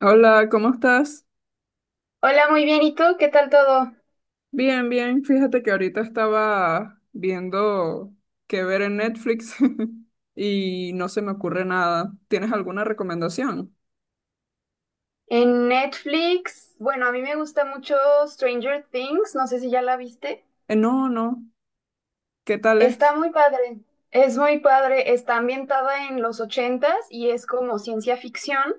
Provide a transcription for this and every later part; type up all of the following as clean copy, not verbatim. Hola, ¿cómo estás? Hola, muy bien. ¿Y tú? ¿Qué tal todo? Bien, bien. Fíjate que ahorita estaba viendo qué ver en Netflix y no se me ocurre nada. ¿Tienes alguna recomendación? En Netflix, bueno, a mí me gusta mucho Stranger Things, no sé si ya la viste. No, no. ¿Qué tal Está es? muy padre, es muy padre. Está ambientada en los ochentas y es como ciencia ficción.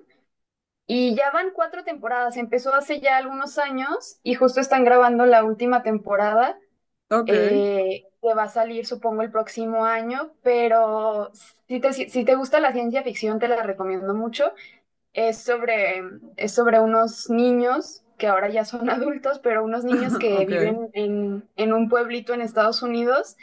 Y ya van cuatro temporadas, empezó hace ya algunos años y justo están grabando la última temporada. Ok, Que va a salir, supongo, el próximo año, pero si te gusta la ciencia ficción, te la recomiendo mucho. Es sobre, es sobre unos niños que ahora ya son adultos, pero unos niños ah, que ok, viven en un pueblito en Estados Unidos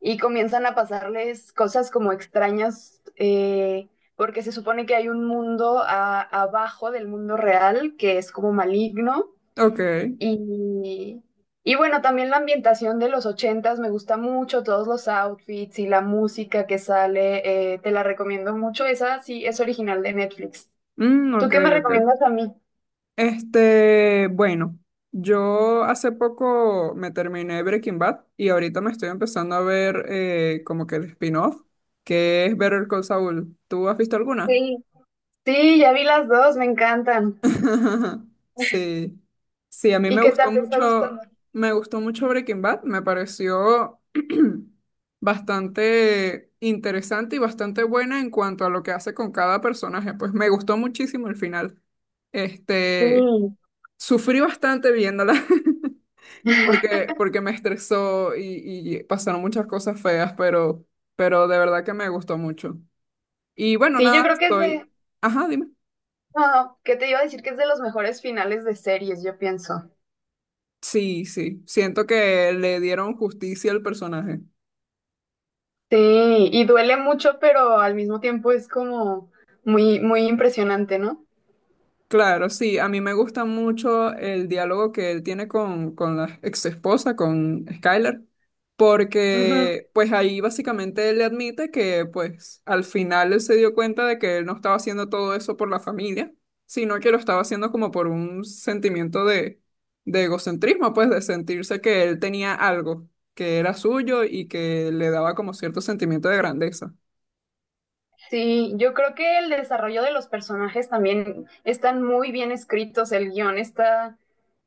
y comienzan a pasarles cosas como extrañas, porque se supone que hay un mundo abajo del mundo real que es como maligno. ok. Y, y bueno, también la ambientación de los ochentas me gusta mucho, todos los outfits y la música que sale, te la recomiendo mucho. Esa sí es original de Netflix. Mm, ¿Tú ok, qué me ok. recomiendas a mí? Bueno, yo hace poco me terminé Breaking Bad y ahorita me estoy empezando a ver como que el spin-off, que es Better Call Saul. ¿Tú has visto alguna? Sí, sí, ya vi las dos, me encantan. Sí, sí, a mí ¿Y qué tal te está gustando? Me gustó mucho Breaking Bad, me pareció bastante interesante y bastante buena en cuanto a lo que hace con cada personaje, pues me gustó muchísimo el final. Este, Sí. sufrí bastante viéndola porque me estresó y pasaron muchas cosas feas, pero de verdad que me gustó mucho. Y bueno, Sí, yo nada, creo que es estoy, de... ajá, dime. No, ¿qué te iba a decir? Que es de los mejores finales de series, yo pienso. Sí, sí, siento que le dieron justicia al personaje. Sí, y duele mucho, pero al mismo tiempo es como muy, muy impresionante, ¿no? Claro, sí, a mí me gusta mucho el diálogo que él tiene con la ex esposa, con Skylar, Ujú. porque pues ahí básicamente él le admite que pues al final él se dio cuenta de que él no estaba haciendo todo eso por la familia, sino que lo estaba haciendo como por un sentimiento de egocentrismo, pues de sentirse que él tenía algo que era suyo y que le daba como cierto sentimiento de grandeza. Sí, yo creo que el desarrollo de los personajes también están muy bien escritos, el guión está,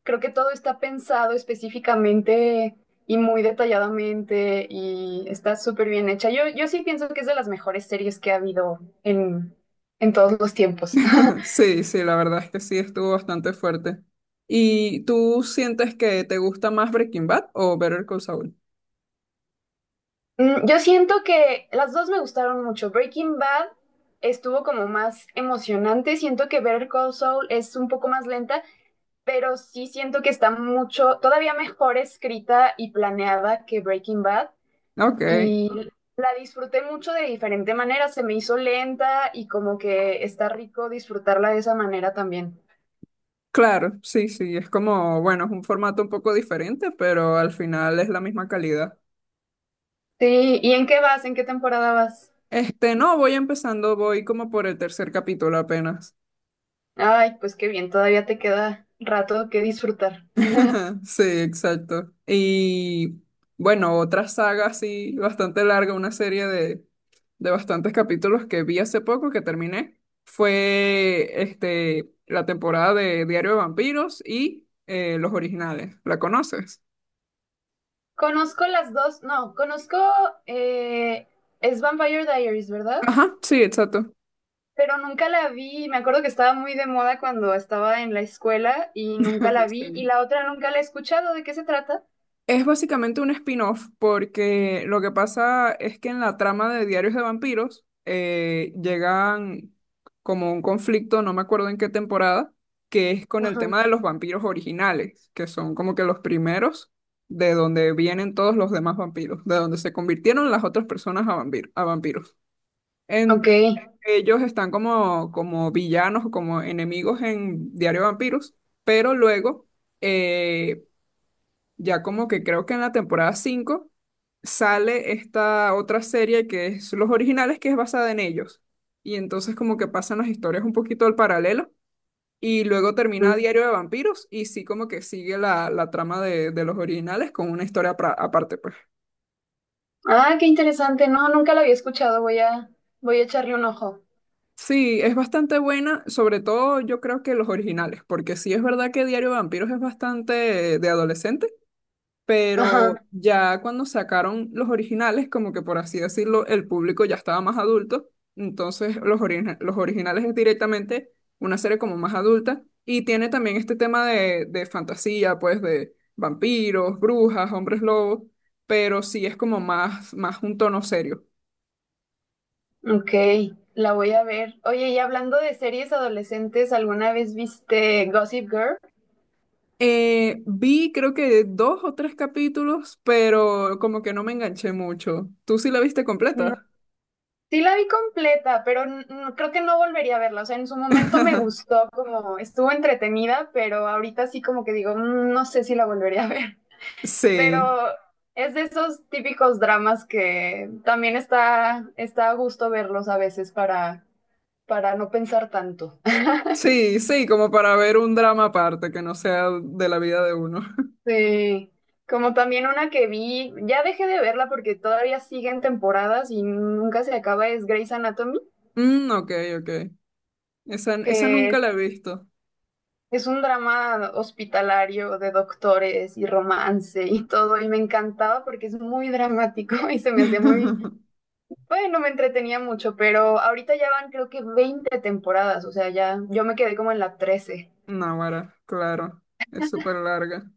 creo que todo está pensado específicamente y muy detalladamente y está súper bien hecha. Yo sí pienso que es de las mejores series que ha habido en todos los tiempos. Sí, sí, la verdad es que sí, estuvo bastante fuerte. ¿Y tú sientes que te gusta más Breaking Bad o Better Call Saul? Yo siento que las dos me gustaron mucho. Breaking Bad estuvo como más emocionante. Siento que Better Call Saul es un poco más lenta, pero sí siento que está mucho, todavía mejor escrita y planeada que Breaking Bad Ok, y la disfruté mucho de diferente manera, se me hizo lenta y como que está rico disfrutarla de esa manera también. claro, sí, sí, es como, bueno, es un formato un poco diferente, pero al final es la misma calidad. Sí, ¿y en qué vas? ¿En qué temporada vas? No, voy empezando, voy como por el tercer capítulo apenas. Ay, pues qué bien, todavía te queda rato que disfrutar. Ajá, sí, exacto. Y bueno, otra saga así bastante larga, una serie de bastantes capítulos que vi hace poco que terminé, fue la temporada de Diario de Vampiros y los originales. ¿La conoces? Conozco las dos, no, conozco, eh, es Vampire Diaries, ¿verdad? Ajá, sí, exacto. Pero nunca la vi. Me acuerdo que estaba muy de moda cuando estaba en la escuela y nunca la vi. Y Sí. la otra nunca la he escuchado. ¿De qué se trata? Es básicamente un spin-off porque lo que pasa es que en la trama de Diarios de Vampiros llegan como un conflicto, no me acuerdo en qué temporada, que es con el Ajá. tema de los vampiros originales, que son como que los primeros de donde vienen todos los demás vampiros, de donde se convirtieron las otras personas a, a vampiros. Ok. En- Ellos están como, como villanos o como enemigos en Diario de Vampiros, pero luego... eh, ya como que creo que en la temporada 5 sale esta otra serie que es Los Originales, que es basada en ellos. Y entonces como que pasan las historias un poquito al paralelo y luego termina Diario de Vampiros y sí como que sigue la trama de Los Originales con una historia aparte, pues. Ah, qué interesante. No, nunca la había escuchado. Voy a echarle un ojo. Sí, es bastante buena, sobre todo yo creo que Los Originales, porque sí es verdad que Diario de Vampiros es bastante de adolescente, Ajá. pero ya cuando sacaron los originales, como que por así decirlo, el público ya estaba más adulto, entonces los originales es directamente una serie como más adulta y tiene también este tema de fantasía, pues de vampiros, brujas, hombres lobos, pero sí es como más, más un tono serio. Ok. La voy a ver. Oye, y hablando de series adolescentes, ¿alguna vez viste Gossip Girl? Vi creo que dos o tres capítulos, pero como que no me enganché mucho. ¿Tú sí la viste No. completa? Sí la vi completa, pero creo que no volvería a verla. O sea, en su momento me gustó, como estuvo entretenida, pero ahorita sí como que digo, "Mm, no sé si la volvería a ver. Sí. Pero es de esos típicos dramas que también está a gusto verlos a veces para no pensar tanto." Sí, sí, como para ver un drama aparte que no sea de la vida de uno. Sí. Como también una que vi, ya dejé de verla porque todavía siguen temporadas y nunca se acaba, es Grey's Anatomy, Mm, ok, ok. Esa que nunca la he visto. es un drama hospitalario de doctores y romance y todo, y me encantaba porque es muy dramático y se me hacía muy... Bueno, me entretenía mucho, pero ahorita ya van creo que 20 temporadas, o sea, ya yo me quedé como en la 13. Náguara, claro. Es súper larga.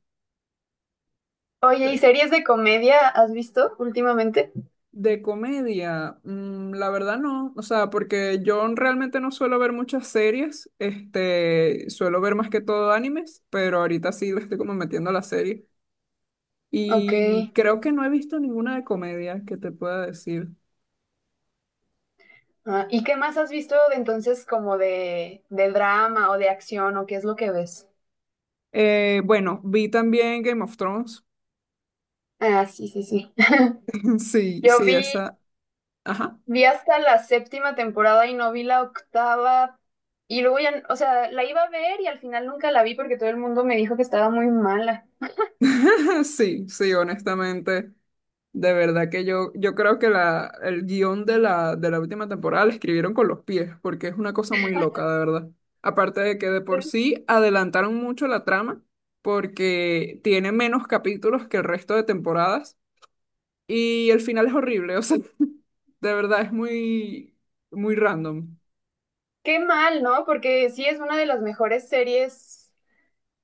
Oye, ¿y series de comedia has visto últimamente? De comedia, mm, la verdad no, o sea, porque yo realmente no suelo ver muchas series, suelo ver más que todo animes, pero ahorita sí le estoy como metiendo a la serie. Ok. Y creo que no he visto ninguna de comedia que te pueda decir. Ah, ¿y qué más has visto de entonces como de drama o de acción o qué es lo que ves? Bueno, vi también Game of Thrones. Ah, sí, sí, sí. Sí, Yo sí, vi, esa. Ajá. vi hasta la séptima temporada y no vi la octava. Y luego ya, o sea, la iba a ver y al final nunca la vi porque todo el mundo me dijo que estaba muy mala. Sí, sí, honestamente. De verdad que yo creo que la, el guión de la última temporada la escribieron con los pies, porque es una cosa muy loca, de verdad. Aparte de que de por sí adelantaron mucho la trama, porque tiene menos capítulos que el resto de temporadas, y el final es horrible, o sea, de verdad es muy, muy random. Qué mal, ¿no? Porque sí es una de las mejores series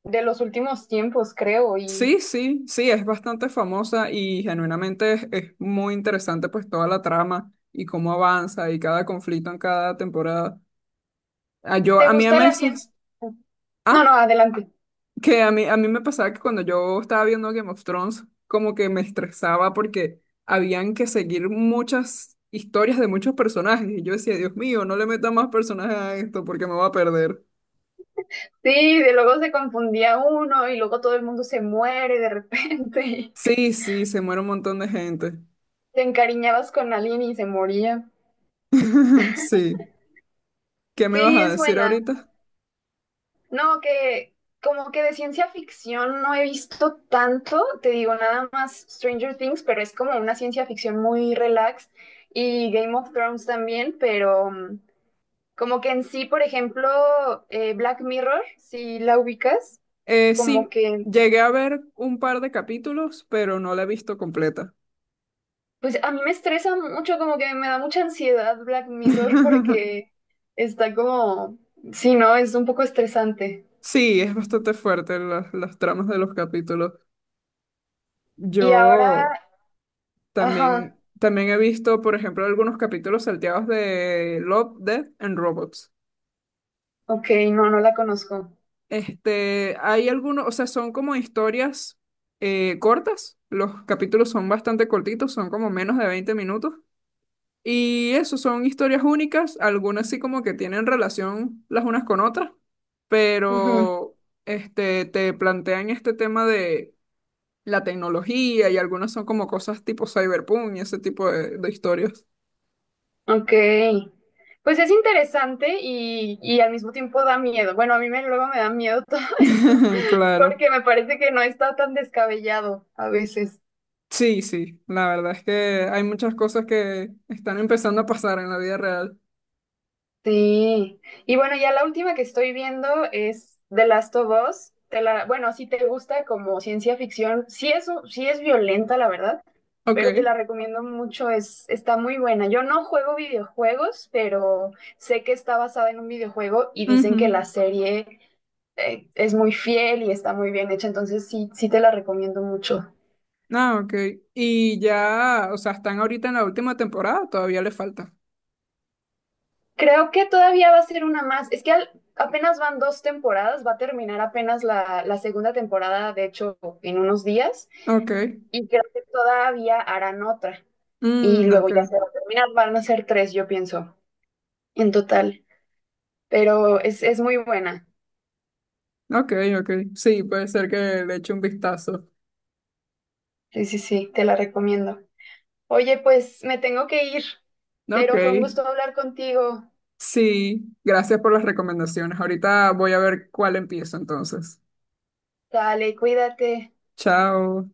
de los últimos tiempos, creo. ¿Y Sí, sí, sí, es bastante famosa y genuinamente es muy interesante pues toda la trama y cómo avanza y cada conflicto en cada temporada. Ah, yo, te a mí a gusta la ciencia? veces, No, ah, no, adelante. que a mí me pasaba que cuando yo estaba viendo Game of Thrones como que me estresaba porque habían que seguir muchas historias de muchos personajes y yo decía, Dios mío, no le meta más personajes a esto porque me va a perder. Sí, de luego se confundía uno y luego todo el mundo se muere de repente. Y Sí, sí, se muere un montón de gente. te encariñabas con alguien y se moría. Sí, ¿qué me vas Sí, a es decir buena. ahorita? No, que como que de ciencia ficción no he visto tanto, te digo nada más Stranger Things, pero es como una ciencia ficción muy relax y Game of Thrones también, pero como que en sí, por ejemplo, Black Mirror, si la ubicas, como Sí, que, llegué a ver un par de capítulos, pero no la he visto completa. pues a mí me estresa mucho, como que me da mucha ansiedad Black Mirror porque está como, sí, ¿no? Es un poco estresante. Sí, es bastante fuerte las tramas de los capítulos. Y Yo ahora, ajá, también, también he visto, por ejemplo, algunos capítulos salteados de Love, Death and Robots. ok, no, no la conozco. Hay algunos, o sea, son como historias cortas. Los capítulos son bastante cortitos, son como menos de 20 minutos. Y eso son historias únicas, algunas sí como que tienen relación las unas con otras, Ujú, pero te plantean este tema de la tecnología y algunas son como cosas tipo cyberpunk y ese tipo de historias. ok. Pues es interesante y al mismo tiempo da miedo. Bueno, a mí me, luego me da miedo todo eso, Claro. porque me parece que no está tan descabellado a veces. Sí, sí, la verdad es que hay muchas cosas que están empezando a pasar en la vida real. Sí, y bueno, ya la última que estoy viendo es The Last of Us. Te la, bueno, si te gusta como ciencia ficción, sí es, sí es violenta, la verdad, pero te Ok. la recomiendo mucho, es, está muy buena. Yo no juego videojuegos, pero sé que está basada en un videojuego y dicen que la Ujú. serie es muy fiel y está muy bien hecha, entonces sí, sí te la recomiendo mucho. Ah, ok. Y ya, o sea, están ahorita en la última temporada, todavía le falta. Creo que todavía va a ser una más. Es que apenas van dos temporadas, va a terminar apenas la segunda temporada, de hecho, en unos días, Ok. y creo que todavía harán otra. Y Mm, luego ok. ya se va a terminar, van a ser tres, yo pienso, en total. Pero es muy buena. Ok, ok. Sí, puede ser que le eche un vistazo. Sí, sí, sí, te la recomiendo. Oye, pues me tengo que ir, Ok. pero fue un gusto hablar contigo. Sí, gracias por las recomendaciones. Ahorita voy a ver cuál empiezo entonces. Dale, cuídate. Chao.